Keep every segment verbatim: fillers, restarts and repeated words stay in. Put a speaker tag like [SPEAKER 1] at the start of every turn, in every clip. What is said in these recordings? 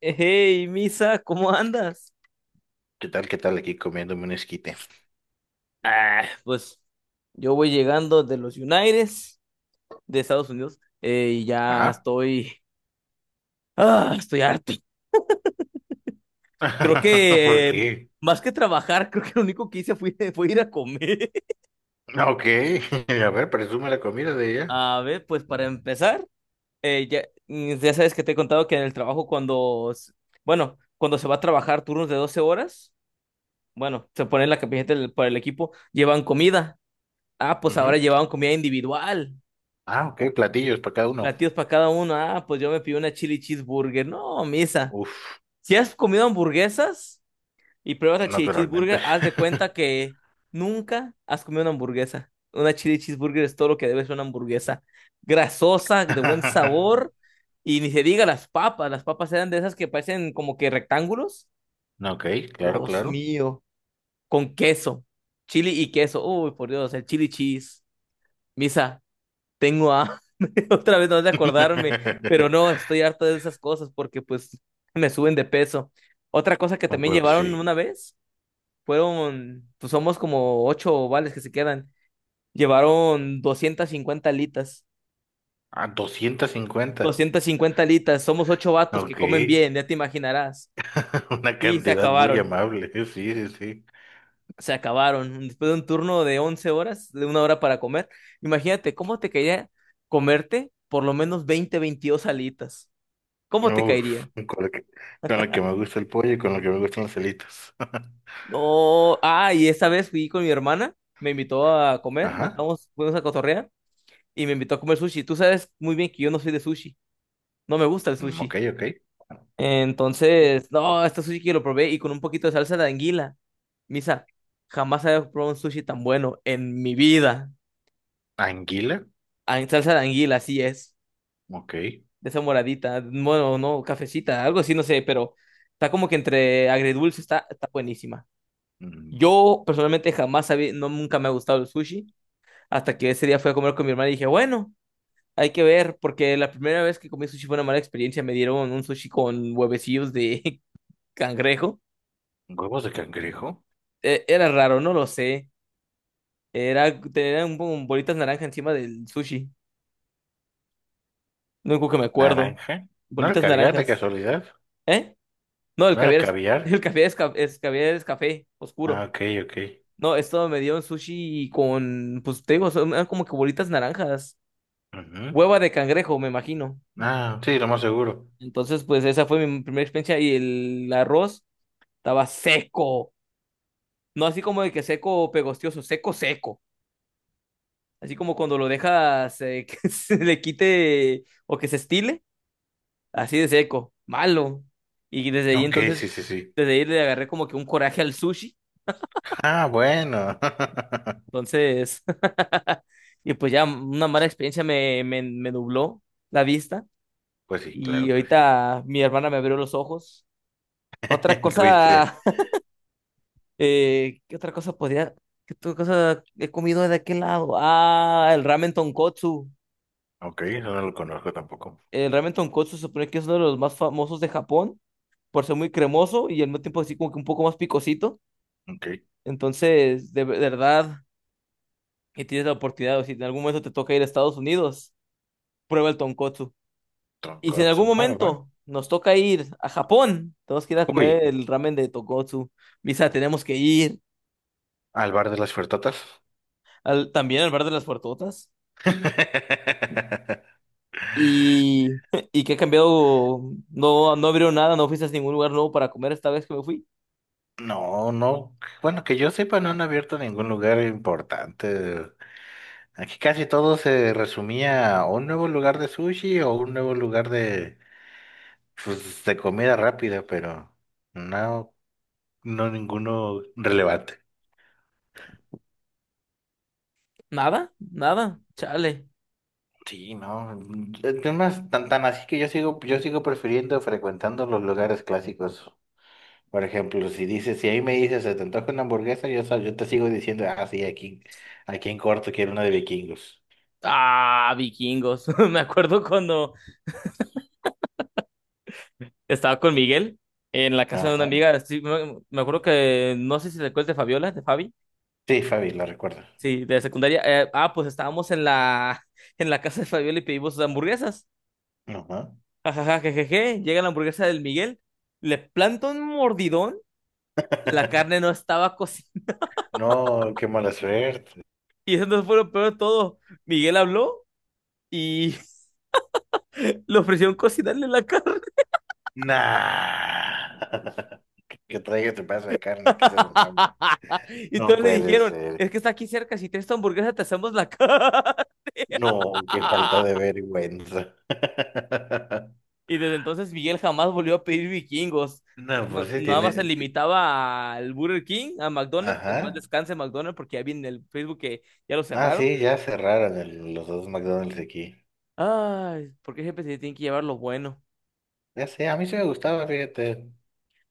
[SPEAKER 1] Hey, Misa, ¿cómo andas?
[SPEAKER 2] ¿Qué tal? ¿Qué tal? Aquí comiéndome un esquite.
[SPEAKER 1] Ah, pues yo voy llegando de los United, de Estados Unidos, eh, y ya
[SPEAKER 2] Ah,
[SPEAKER 1] estoy, ah, estoy harto. Creo
[SPEAKER 2] ¿por
[SPEAKER 1] que eh,
[SPEAKER 2] qué?
[SPEAKER 1] más que trabajar, creo que lo único que hice fue, fue ir a comer.
[SPEAKER 2] Ok, a ver, presume la comida de ella.
[SPEAKER 1] A ver, pues para empezar, eh, ya, mm, ya sabes que te he contado que en el trabajo cuando, s- bueno, cuando se va a trabajar turnos de doce horas, bueno, se pone la camiseta del- para el equipo, llevan comida. Ah, pues ahora
[SPEAKER 2] Ujú.
[SPEAKER 1] llevaban comida individual.
[SPEAKER 2] Ah, ok, platillos para cada uno.
[SPEAKER 1] Platillos para cada uno. Ah, pues yo me pido una chili cheeseburger. No, Misa.
[SPEAKER 2] Uf,
[SPEAKER 1] Si has comido hamburguesas y pruebas la chili
[SPEAKER 2] naturalmente.
[SPEAKER 1] cheeseburger, haz de cuenta que nunca has comido una hamburguesa. Una chili cheeseburger es todo lo que debe ser una hamburguesa. Grasosa, de buen sabor. Y ni se diga las papas. Las papas eran de esas que parecen como que rectángulos.
[SPEAKER 2] Ok, claro,
[SPEAKER 1] Dios
[SPEAKER 2] claro.
[SPEAKER 1] mío. Con queso. Chili y queso. Uy, por Dios, el chili cheese. Misa, tengo hambre, otra vez no de acordarme, pero no, estoy harto de esas cosas porque pues me suben de peso. Otra cosa que también
[SPEAKER 2] Pues
[SPEAKER 1] llevaron
[SPEAKER 2] sí.
[SPEAKER 1] una vez fueron, pues somos como ocho ovales que se quedan, llevaron doscientas cincuenta alitas,
[SPEAKER 2] Ah, doscientos cincuenta.
[SPEAKER 1] doscientas cincuenta alitas, somos ocho vatos que
[SPEAKER 2] Ok,
[SPEAKER 1] comen bien, ya te imaginarás.
[SPEAKER 2] una
[SPEAKER 1] Sí, se
[SPEAKER 2] cantidad muy
[SPEAKER 1] acabaron.
[SPEAKER 2] amable. Sí, sí, sí.
[SPEAKER 1] Se acabaron. Después de un turno de once horas, de una hora para comer, imagínate cómo te caería comerte por lo menos veinte veintidós alitas. ¿Cómo te
[SPEAKER 2] Uf,
[SPEAKER 1] caería?
[SPEAKER 2] con lo que, con lo que me gusta el pollo y con lo que me gustan las alitas.
[SPEAKER 1] No, ah, y esta vez fui con mi hermana, me invitó a comer y
[SPEAKER 2] Ajá.
[SPEAKER 1] estábamos, fuimos a cotorrear y me invitó a comer sushi. Tú sabes muy bien que yo no soy de sushi, no me gusta el
[SPEAKER 2] Mm, ok,
[SPEAKER 1] sushi.
[SPEAKER 2] ok. Bueno, sí.
[SPEAKER 1] Entonces, no, este sushi que lo probé y con un poquito de salsa de anguila. Misa, jamás había probado un sushi tan bueno en mi vida.
[SPEAKER 2] Anguila,
[SPEAKER 1] Ah, en salsa de anguila, así es,
[SPEAKER 2] ok.
[SPEAKER 1] de esa moradita, bueno, no, cafecita, algo así, no sé, pero está como que entre agridulce, está, está buenísima.
[SPEAKER 2] Mm.
[SPEAKER 1] Yo personalmente jamás había, no, nunca me ha gustado el sushi. Hasta que ese día fui a comer con mi hermana y dije, bueno, hay que ver, porque la primera vez que comí sushi fue una mala experiencia. Me dieron un sushi con huevecillos de cangrejo.
[SPEAKER 2] Huevos de cangrejo,
[SPEAKER 1] Eh, era raro, no lo sé. Era, tenían un- bolitas naranja encima del sushi. Lo único que me acuerdo.
[SPEAKER 2] naranja. ¿No era
[SPEAKER 1] Bolitas
[SPEAKER 2] caviar de
[SPEAKER 1] naranjas.
[SPEAKER 2] casualidad?
[SPEAKER 1] ¿Eh? No, el
[SPEAKER 2] ¿No era
[SPEAKER 1] caviar es, el
[SPEAKER 2] caviar?
[SPEAKER 1] caviar es, ca- es- caviar es café
[SPEAKER 2] Ah,
[SPEAKER 1] oscuro.
[SPEAKER 2] ok, ok.
[SPEAKER 1] No, esto me dio un sushi con, pues te digo, son- eran como que bolitas naranjas.
[SPEAKER 2] Ujú.
[SPEAKER 1] Hueva de cangrejo, me imagino.
[SPEAKER 2] Ah, sí, lo más seguro.
[SPEAKER 1] Entonces, pues esa fue mi primera experiencia y el arroz estaba seco. No así como de que seco pegostioso, seco, seco. Así como cuando lo dejas eh, que se le quite o que se estile, así de seco, malo. Y desde ahí
[SPEAKER 2] Ok,
[SPEAKER 1] entonces,
[SPEAKER 2] sí, sí, sí.
[SPEAKER 1] desde ahí le agarré como que un coraje al sushi.
[SPEAKER 2] Ah, bueno.
[SPEAKER 1] Entonces, y pues ya una mala experiencia me, me, me nubló la vista.
[SPEAKER 2] Pues sí,
[SPEAKER 1] Y
[SPEAKER 2] claro que sí.
[SPEAKER 1] ahorita mi hermana me abrió los ojos. Otra
[SPEAKER 2] El tuviste.
[SPEAKER 1] cosa. Eh, ¿qué otra cosa podría? ¿Qué otra cosa he comido de aquel lado? Ah, el ramen tonkotsu.
[SPEAKER 2] Ok, eso no lo conozco tampoco.
[SPEAKER 1] El ramen tonkotsu se supone que es uno de los más famosos de Japón por ser muy cremoso y al mismo tiempo así como que un poco más picosito.
[SPEAKER 2] Ok.
[SPEAKER 1] Entonces, de de verdad, que tienes la oportunidad, o si en algún momento te toca ir a Estados Unidos, prueba el tonkotsu. Y si en algún
[SPEAKER 2] Tonkotsu, va, va, va.
[SPEAKER 1] momento nos toca ir a Japón, tenemos que ir a
[SPEAKER 2] Uy,
[SPEAKER 1] comer el ramen de tonkotsu. Misa, tenemos que ir
[SPEAKER 2] al bar de las fertotas.
[SPEAKER 1] al, también al bar de las puertotas. ¿Y, y qué ha cambiado? No, no abrieron nada, no fuiste a ningún lugar nuevo para comer esta vez que me fui.
[SPEAKER 2] No, no. Bueno, que yo sepa, no han abierto ningún lugar importante. Aquí casi todo se resumía a un nuevo lugar de sushi o un nuevo lugar de, pues, de comida rápida, pero no, no ninguno relevante.
[SPEAKER 1] Nada, nada, chale.
[SPEAKER 2] Sí, no. Es más, tan, tan así que yo sigo, yo sigo prefiriendo frecuentando los lugares clásicos. Por ejemplo, si dices, si ahí me dices, se te antoja una hamburguesa, yo, sa- yo te sigo diciendo, ah, sí, aquí, aquí en corto quiero una de vikingos.
[SPEAKER 1] Ah, vikingos. Me acuerdo cuando estaba con Miguel en la casa de una
[SPEAKER 2] Ajá.
[SPEAKER 1] amiga. Sí, me, me acuerdo que no sé si te acuerdas de Fabiola, de Fabi.
[SPEAKER 2] Sí, Fabi, la recuerdo.
[SPEAKER 1] Sí, de secundaria. Eh, ah, pues estábamos en la, en la casa de Fabiola y pedimos hamburguesas.
[SPEAKER 2] Ajá.
[SPEAKER 1] Ajaja, jejeje. Llega la hamburguesa del Miguel, le planta un mordidón. La carne no estaba cocida.
[SPEAKER 2] No, qué mala suerte.
[SPEAKER 1] Y eso no fue lo peor de todo. Miguel habló y le ofrecieron cocinarle la carne.
[SPEAKER 2] Nah. Que traiga tu pedazo de carne, que se lo trampa.
[SPEAKER 1] Y
[SPEAKER 2] No
[SPEAKER 1] todos le
[SPEAKER 2] puede
[SPEAKER 1] dijeron,
[SPEAKER 2] ser.
[SPEAKER 1] es que está aquí cerca, si tienes tu hamburguesa te hacemos la carne.
[SPEAKER 2] No, qué falta de vergüenza.
[SPEAKER 1] Y desde entonces Miguel jamás volvió a pedir vikingos.
[SPEAKER 2] No,
[SPEAKER 1] No-
[SPEAKER 2] pues sí,
[SPEAKER 1] nada más se
[SPEAKER 2] tiene. ti-
[SPEAKER 1] limitaba al Burger King, a McDonald's, en paz
[SPEAKER 2] Ajá.
[SPEAKER 1] descanse McDonald's, porque ya vi en el Facebook que ya lo
[SPEAKER 2] Ah,
[SPEAKER 1] cerraron.
[SPEAKER 2] sí, ya cerraron el- los dos McDonald's aquí.
[SPEAKER 1] Ay, porque siempre se tienen que llevar lo bueno.
[SPEAKER 2] Ya sé, a mí sí me gustaba, fíjate.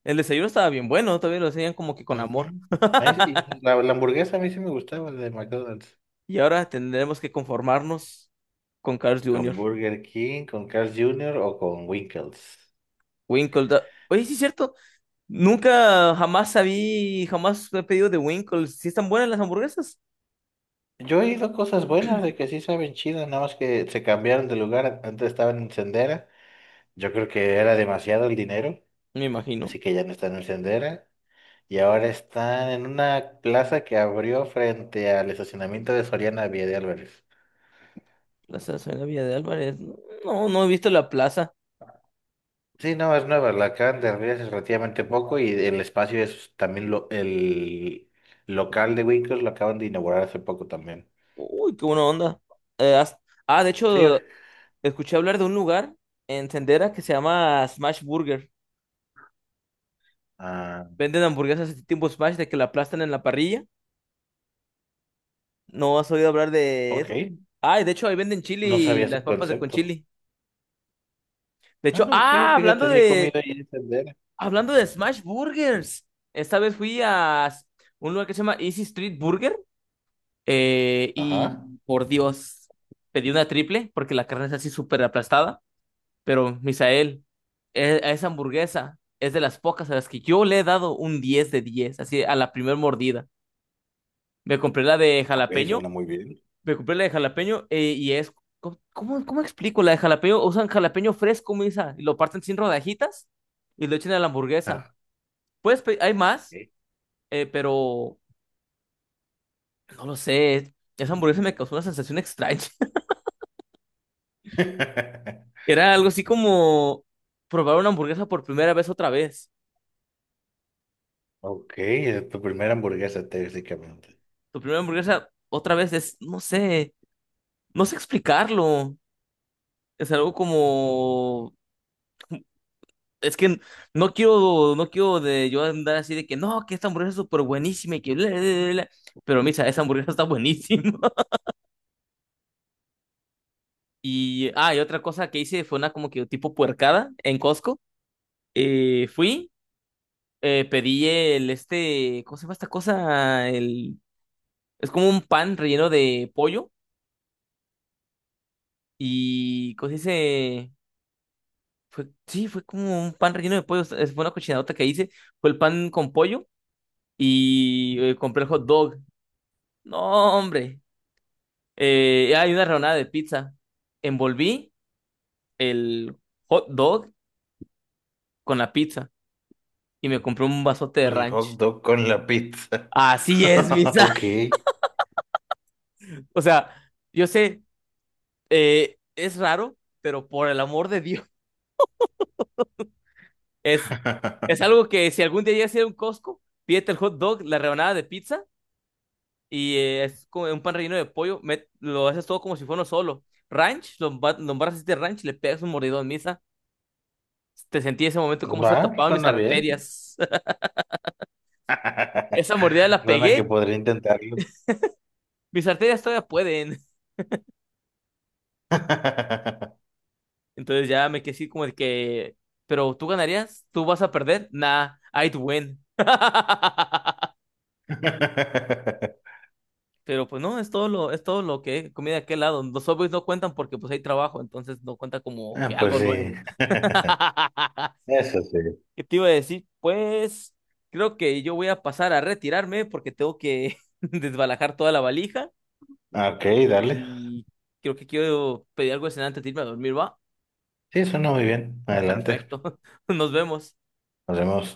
[SPEAKER 1] El desayuno estaba bien bueno, todavía lo hacían como que con
[SPEAKER 2] Ujú.
[SPEAKER 1] amor.
[SPEAKER 2] A mí- sí- y la, la hamburguesa a mí sí me gustaba de McDonald's.
[SPEAKER 1] Y ahora tendremos que conformarnos con Carl Junior.
[SPEAKER 2] ¿Con Burger King, con Carl's junior o con Winkles?
[SPEAKER 1] Winkle. da- Oye, sí es cierto. Nunca jamás sabí, jamás he pedido de Winkle. ¿Si están buenas las hamburguesas?
[SPEAKER 2] Yo he ido cosas buenas de que sí saben chido, nada más que se cambiaron de lugar. Antes estaban en Sendera. Yo creo que era demasiado el dinero,
[SPEAKER 1] Me imagino.
[SPEAKER 2] así que ya no están en Sendera. Y ahora están en una plaza que abrió frente al estacionamiento de Soriana Vía de Álvarez.
[SPEAKER 1] Plaza la Villa de Álvarez. No, no no he visto la plaza.
[SPEAKER 2] Sí, no, es nueva, la acaban de abrir hace relativamente poco y el espacio es también lo- el local de Winkles lo acaban de inaugurar hace poco también.
[SPEAKER 1] Uy, qué buena onda. Eh, has- ah, de
[SPEAKER 2] Sí,
[SPEAKER 1] hecho, escuché hablar de un lugar en Sendera que se llama Smash Burger.
[SPEAKER 2] ah,
[SPEAKER 1] Venden hamburguesas de tipo Smash de que la aplastan en la parrilla. ¿No has oído hablar de eso?
[SPEAKER 2] ok,
[SPEAKER 1] Ah, y de hecho ahí venden
[SPEAKER 2] no
[SPEAKER 1] chili,
[SPEAKER 2] sabía
[SPEAKER 1] las
[SPEAKER 2] ese
[SPEAKER 1] papas de con
[SPEAKER 2] concepto.
[SPEAKER 1] chili. De
[SPEAKER 2] Ah,
[SPEAKER 1] hecho,
[SPEAKER 2] ok,
[SPEAKER 1] ah, hablando
[SPEAKER 2] fíjate, sí he
[SPEAKER 1] de,
[SPEAKER 2] comido ahí en Sendera.
[SPEAKER 1] hablando de Smash Burgers. Esta vez fui a un lugar que se llama Easy Street Burger. Eh,
[SPEAKER 2] Ajá.
[SPEAKER 1] y por Dios, pedí una triple porque la carne es así súper aplastada. Pero, Misael, e- a esa hamburguesa es de las pocas a las que yo le he dado un diez de diez así a la primer mordida. Me compré la de
[SPEAKER 2] Ok,
[SPEAKER 1] jalapeño.
[SPEAKER 2] suena muy bien.
[SPEAKER 1] Me compré la de jalapeño eh, y es. ¿Cómo, cómo cómo explico? La de jalapeño, usan jalapeño fresco, Misa, y lo parten sin rodajitas y lo echan a la hamburguesa.
[SPEAKER 2] Ah,
[SPEAKER 1] Puedes pe- hay más,
[SPEAKER 2] ok.
[SPEAKER 1] eh, pero no lo sé. Esa hamburguesa me causó una sensación extraña. Era algo así como probar una hamburguesa por primera vez otra vez.
[SPEAKER 2] Ok, es tu primera hamburguesa, técnicamente.
[SPEAKER 1] Tu primera hamburguesa otra vez es, no sé, no sé explicarlo. Es algo como, es que no quiero, no quiero de yo andar así de que no, que esta hamburguesa es súper buenísima y que bla, bla, bla, bla". Pero, Misa, esa hamburguesa está buenísima. Y, ah, y otra cosa que hice fue una como que tipo puercada en Costco. Eh, fui. Eh, pedí el este, ¿cómo se llama esta cosa? El, es como un pan relleno de pollo y, ¿cómo se dice? Fue, sí, fue como un pan relleno de pollo. Es- Fue una cochinadota que hice. Fue el pan con pollo y eh, compré el hot dog. No, hombre. Eh, hay una rebanada de pizza. Envolví el hot dog con la pizza y me compré un vasote de
[SPEAKER 2] El hot
[SPEAKER 1] ranch.
[SPEAKER 2] dog con la pizza.
[SPEAKER 1] Así es, Misa.
[SPEAKER 2] Ok.
[SPEAKER 1] O sea, yo sé, eh, es raro, pero por el amor de Dios. Es, es algo que si algún día llegas a ir a un Costco, pídete el hot dog, la rebanada de pizza y eh, es como un pan relleno de pollo. Met- lo haces todo como si fuera uno solo. Ranch, lo emba- lo embarras este ranch, le pegas un mordidón, Misa. Te sentí ese momento como se
[SPEAKER 2] Va,
[SPEAKER 1] tapaban mis
[SPEAKER 2] suena bien.
[SPEAKER 1] arterias. Esa mordida la
[SPEAKER 2] Suena que
[SPEAKER 1] pegué,
[SPEAKER 2] podría intentarlo.
[SPEAKER 1] mis arterias todavía pueden. Entonces ya me quedé así como de que, pero tú ganarías, tú vas a perder. Nah, I'd win. Pero pues no, es todo lo, es todo lo que comí de aquel lado. Los Subways no cuentan porque pues hay trabajo, entonces no cuenta como que
[SPEAKER 2] Ah, pues
[SPEAKER 1] algo
[SPEAKER 2] sí.
[SPEAKER 1] nuevo.
[SPEAKER 2] Eso sí.
[SPEAKER 1] ¿Qué te iba a decir? Pues creo que yo voy a pasar a retirarme porque tengo que desbalajar toda la valija
[SPEAKER 2] Ok, dale.
[SPEAKER 1] y creo que quiero pedir algo de cenar antes de irme a dormir, ¿va?
[SPEAKER 2] Sí, suena muy bien. Adelante.
[SPEAKER 1] Perfecto. Nos vemos.
[SPEAKER 2] Nos vemos.